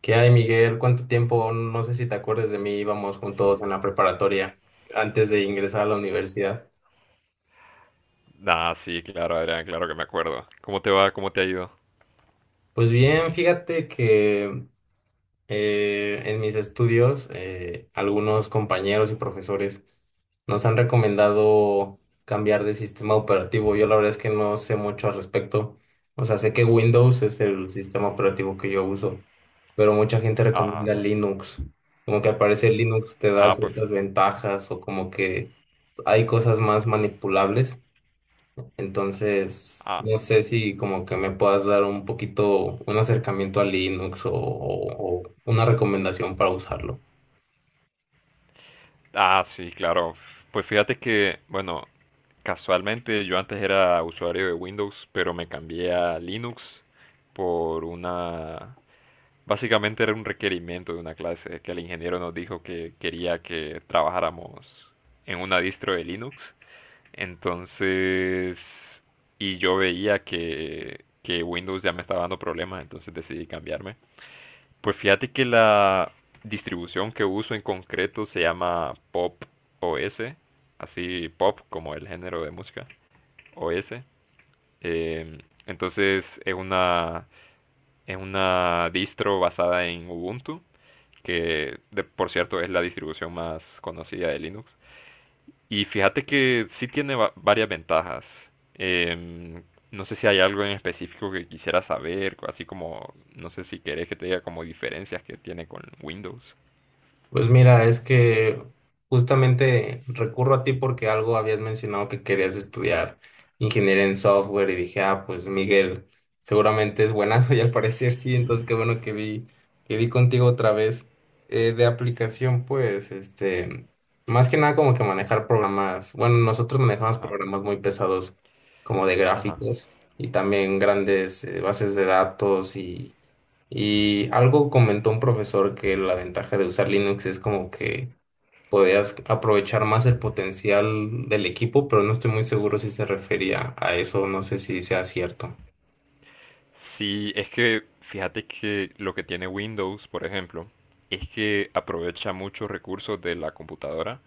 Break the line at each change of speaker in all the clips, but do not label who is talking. ¿Qué hay, Miguel? ¿Cuánto tiempo? No sé si te acuerdas de mí, íbamos juntos en la preparatoria antes de ingresar a la universidad.
Ah, sí, claro, Adrián, claro que me acuerdo. ¿Cómo te va? ¿Cómo te ha ido?
Pues bien, fíjate que en mis estudios, algunos compañeros y profesores nos han recomendado cambiar de sistema operativo. Yo la verdad es que no sé mucho al respecto. O sea, sé que Windows es el sistema operativo que yo uso, pero mucha gente
Ah,
recomienda Linux. Como que al parecer Linux te da
ah, pues,
ciertas ventajas o como que hay cosas más manipulables. Entonces,
ah,
no sé si como que me puedas dar un poquito un acercamiento a Linux o una recomendación para usarlo.
ah, sí, claro. Pues fíjate que, bueno, casualmente yo antes era usuario de Windows, pero me cambié a Linux por una. Básicamente era un requerimiento de una clase que el ingeniero nos dijo que quería que trabajáramos en una distro de Linux. Entonces, y yo veía que Windows ya me estaba dando problemas, entonces decidí cambiarme. Pues fíjate que la distribución que uso en concreto se llama Pop OS, así pop como el género de música, OS. Em, entonces es una, distro basada en Ubuntu, que por cierto es la distribución más conocida de Linux. Y fíjate que sí tiene varias ventajas. No sé si hay algo en específico que quisiera saber, así como no sé si querés que te diga como diferencias que tiene con Windows.
Pues mira, es que justamente recurro a ti porque algo habías mencionado que querías estudiar ingeniería en software y dije, ah, pues Miguel, seguramente es buenazo y al parecer sí, entonces qué bueno que vi contigo otra vez. De aplicación, pues, este, más que nada como que manejar programas, bueno, nosotros manejamos
Ajá,
programas muy pesados como de
ajá.
gráficos y también grandes bases de datos y algo comentó un profesor que la ventaja de usar Linux es como que podías aprovechar más el potencial del equipo, pero no estoy muy seguro si se refería a eso, no sé si sea cierto.
Sí, es que fíjate que lo que tiene Windows, por ejemplo, es que aprovecha muchos recursos de la computadora,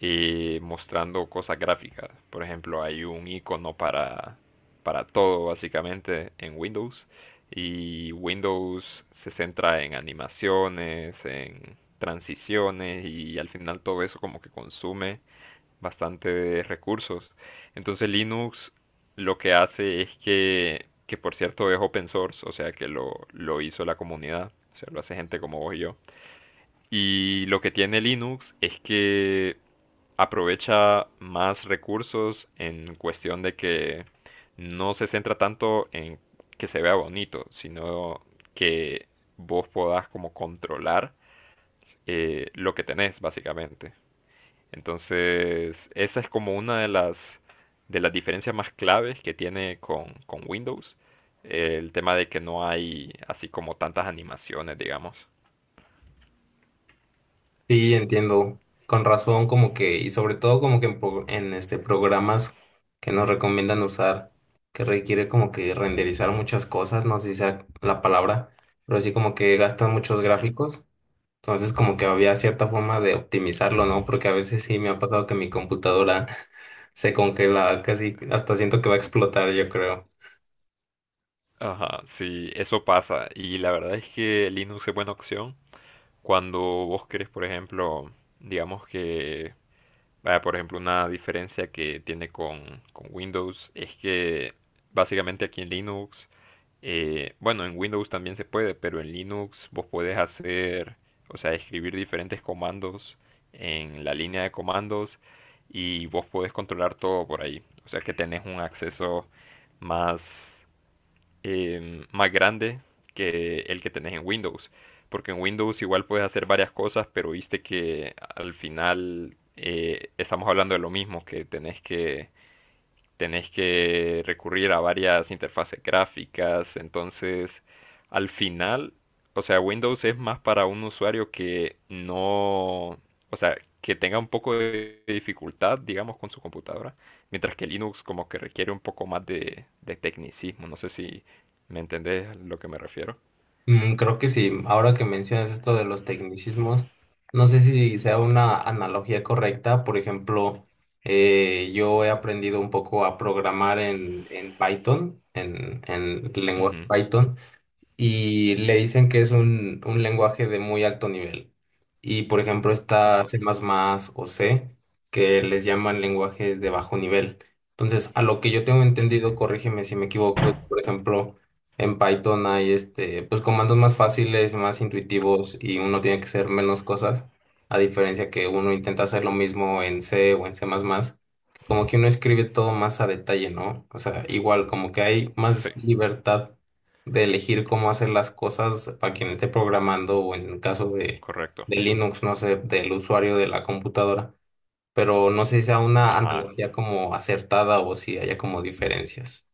mostrando cosas gráficas. Por ejemplo, hay un icono para todo básicamente en Windows y Windows se centra en animaciones, en transiciones y al final todo eso como que consume bastante de recursos. Entonces Linux lo que hace es que por cierto es open source, o sea que lo hizo la comunidad, o sea, lo hace gente como vos y yo. Y lo que tiene Linux es que aprovecha más recursos en cuestión de que no se centra tanto en que se vea bonito, sino que vos podás como controlar, lo que tenés, básicamente. Entonces, esa es como una de las, diferencias más claves que tiene con Windows. El tema de que no hay así como tantas animaciones, digamos.
Sí, entiendo, con razón como que, y sobre todo como que en, pro- en, este programas que nos recomiendan usar, que requiere como que renderizar muchas cosas, no sé si sea la palabra, pero sí como que gastan muchos
Ujú.
gráficos. Entonces, como que había cierta forma de optimizarlo, ¿no? Porque a veces sí me ha pasado que mi computadora se congela casi, hasta siento que va a explotar, yo creo.
Ajá, sí, eso pasa. Y la verdad es que Linux es buena opción cuando vos querés, por ejemplo, digamos que, vaya, por ejemplo, una diferencia que tiene con, Windows es que básicamente aquí en Linux, bueno, en Windows también se puede, pero en Linux vos podés hacer, o sea, escribir diferentes comandos en la línea de comandos y vos podés controlar todo por ahí. O sea que tenés un acceso más, más grande que el que tenés en Windows. Porque en Windows igual puedes hacer varias cosas, pero viste que al final, estamos hablando de lo mismo, que tenés que recurrir a varias interfaces gráficas, entonces al final, o sea, Windows es más para un usuario que no, o sea, que tenga un poco de dificultad, digamos, con su computadora, mientras que Linux como que requiere un poco más de tecnicismo, no sé si me entendés a lo que me refiero.
Mm, creo que sí, ahora que mencionas esto de los tecnicismos, no sé si sea una analogía correcta. Por ejemplo, yo he aprendido un poco a programar en Python, en el lenguaje
Ujú,
Python. Y le dicen que es un lenguaje de muy alto nivel. Y por ejemplo está
ajá.
C++ o C, que les llaman lenguajes de bajo nivel. Entonces, a lo que yo tengo
Ujú.
entendido, corrígeme si me equivoco, es, por ejemplo, en Python hay este, pues comandos más fáciles, más intuitivos y uno tiene que hacer menos cosas, a diferencia que uno intenta hacer lo mismo en C o en C++. Que Como que uno escribe todo más a detalle, ¿no? O sea, igual, como que hay
Sí,
más libertad de elegir cómo hacer las cosas para quien esté programando o en el caso
correcto.
de Linux, no sé, del usuario de la computadora. Pero no sé si sea una
Ajá.
analogía como acertada o si haya como diferencias.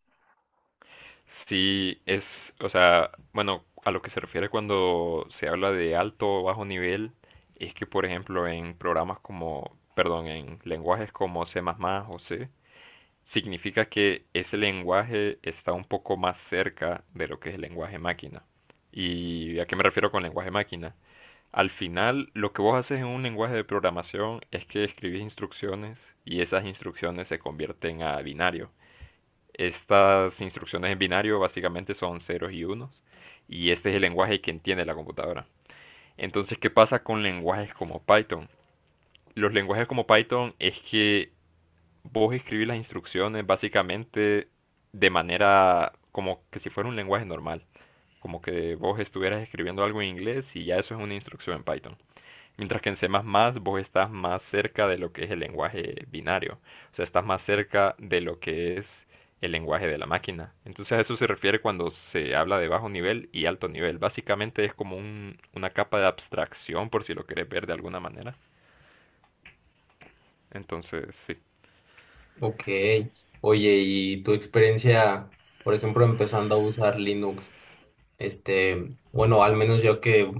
Sí, es, o sea, bueno, a lo que se refiere cuando se habla de alto o bajo nivel, es que, por ejemplo, en programas como, perdón, en lenguajes como C++ o C, significa que ese lenguaje está un poco más cerca de lo que es el lenguaje máquina. ¿Y a qué me refiero con lenguaje máquina? Al final, lo que vos haces en un lenguaje de programación es que escribís instrucciones y esas instrucciones se convierten a binarios. Estas instrucciones en binario básicamente son ceros y unos, y este es el lenguaje que entiende la computadora. Entonces, ¿qué pasa con lenguajes como Python? Los lenguajes como Python es que vos escribís las instrucciones básicamente de manera como que si fuera un lenguaje normal, como que vos estuvieras escribiendo algo en inglés y ya eso es una instrucción en Python. Mientras que en C++ vos estás más cerca de lo que es el lenguaje binario, o sea, estás más cerca de lo que es el lenguaje de la máquina. Entonces a eso se refiere cuando se habla de bajo nivel y alto nivel. Básicamente es como una capa de abstracción, por si lo querés ver de alguna manera. Entonces, sí.
Ok. Oye, ¿y tu experiencia, por ejemplo, empezando a usar Linux? Este, bueno, al menos yo que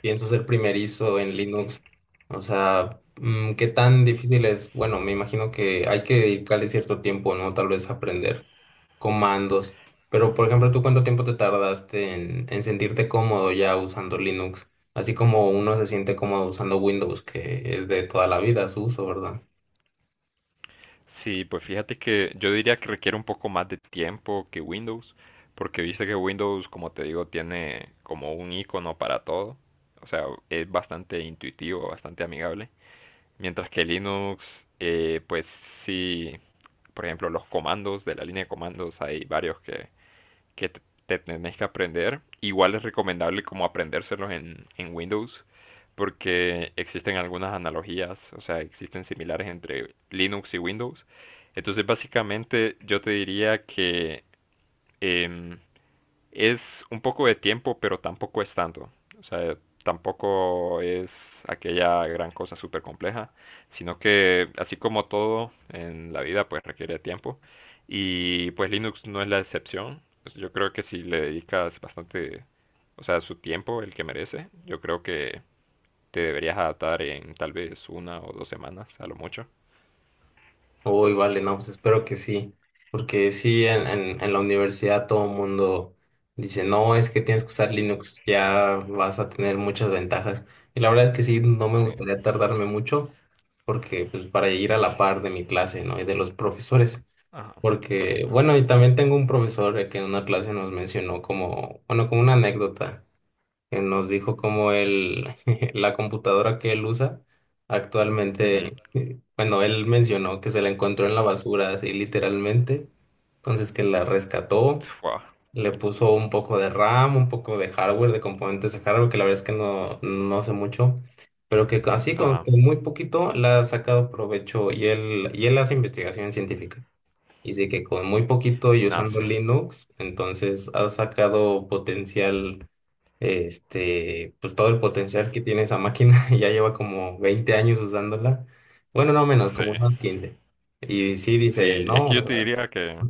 pienso ser primerizo en Linux, o sea, mm, ¿qué tan difícil es? Bueno, me imagino que hay que dedicarle cierto tiempo, ¿no? Tal vez aprender comandos. Pero, por ejemplo, ¿tú cuánto tiempo te tardaste en sentirte cómodo ya usando Linux? Así como uno se siente cómodo usando Windows, que es de toda la vida su uso, ¿verdad?
Sí, pues fíjate que yo diría que requiere un poco más de tiempo que Windows, porque viste que Windows, como te digo, tiene como un icono para todo. O sea, es bastante intuitivo, bastante amigable. Mientras que Linux, pues sí, por ejemplo, los comandos de la línea de comandos, hay varios que te tenés que aprender. Igual es recomendable como aprendérselos en Windows, porque existen algunas analogías, o sea, existen similares entre Linux y Windows. Entonces, básicamente, yo te diría que, em, es un poco de tiempo, pero tampoco es tanto. O sea, tampoco es aquella gran cosa súper compleja, sino que así como todo en la vida, pues requiere tiempo. Y pues Linux no es la excepción. Pues, yo creo que si le dedicas bastante, o sea, su tiempo, el que merece, yo creo que te deberías adaptar en tal vez una o dos semanas, a lo mucho.
Uy, vale, no, pues espero que sí, porque sí, en la universidad todo el mundo dice, no, es que tienes que usar Linux, ya vas a tener muchas ventajas. Y la verdad es que sí, no me
Sí,
gustaría tardarme mucho, porque pues para ir a la par de mi clase, ¿no? Y de los profesores,
ajá,
porque,
correcto.
bueno, y también tengo un profesor que en una clase nos mencionó como, bueno, como una anécdota que nos dijo cómo él, la computadora que él usa actualmente,
Ujú.
bueno, él mencionó que se la encontró en la basura, así literalmente, entonces que la rescató,
Fua.
le puso un poco de RAM, un poco de hardware, de componentes de hardware, que la verdad es que no sé mucho, pero que así con
Ajá,
muy poquito la ha sacado provecho y él hace investigación científica. Y sí que con muy poquito y
nada,
usando
sí.
Linux, entonces ha sacado potencial este, pues todo el potencial que tiene esa máquina, ya lleva como 20 años usándola, bueno, no menos,
Sí.
como unos 15. Y sí dice,
Sí, es
no,
que
o
yo te
sea,
diría que,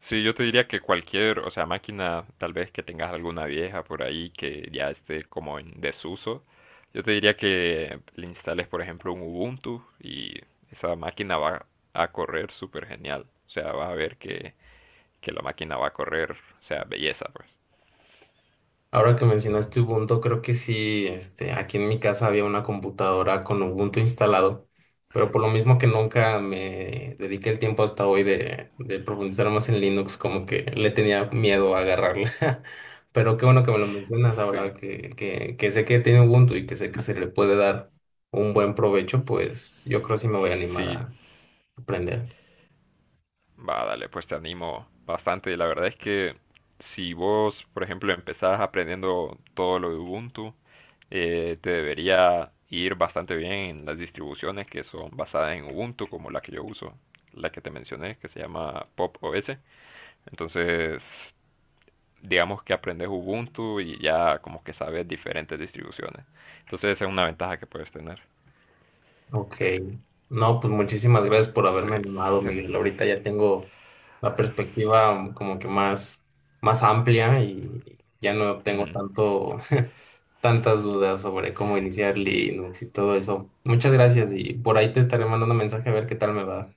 sí, yo te diría que cualquier, o sea, máquina, tal vez que tengas alguna vieja por ahí que ya esté como en desuso, yo te diría que le instales, por ejemplo, un Ubuntu y esa máquina va a correr súper genial. O sea, vas a ver que la máquina va a correr, o sea, belleza, pues.
ahora que mencionaste Ubuntu, creo que sí, este, aquí en mi casa había una computadora con Ubuntu instalado, pero por lo mismo que nunca me dediqué el tiempo hasta hoy de profundizar más en Linux, como que le tenía miedo a agarrarla. Pero qué bueno que me lo mencionas ahora,
Sí,
que sé que tiene Ubuntu y que sé que se le puede dar un buen provecho, pues yo creo que sí me voy a animar
sí.
a aprender.
Va, dale, pues te animo bastante. La verdad es que si vos, por ejemplo, empezás aprendiendo todo lo de Ubuntu, te debería ir bastante bien en las distribuciones que son basadas en Ubuntu, como la que yo uso, la que te mencioné, que se llama Pop OS. Entonces, digamos que aprendes Ubuntu y ya como que sabes diferentes distribuciones. Entonces, esa es una ventaja que puedes tener.
Ok. No, pues muchísimas gracias por
Sí.
haberme animado, Miguel. Ahorita ya tengo la perspectiva como que más, más amplia y ya no tengo tanto, tantas dudas sobre cómo iniciar Linux y todo eso. Muchas gracias y por ahí te estaré mandando mensaje a ver qué tal me va.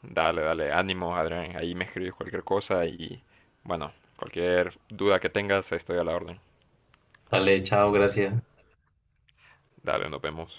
Dale, dale, ánimo, Adrián. Ahí me escribes cualquier cosa y bueno, cualquier duda que tengas, estoy a la orden.
Dale, chao, gracias.
Dale, nos vemos.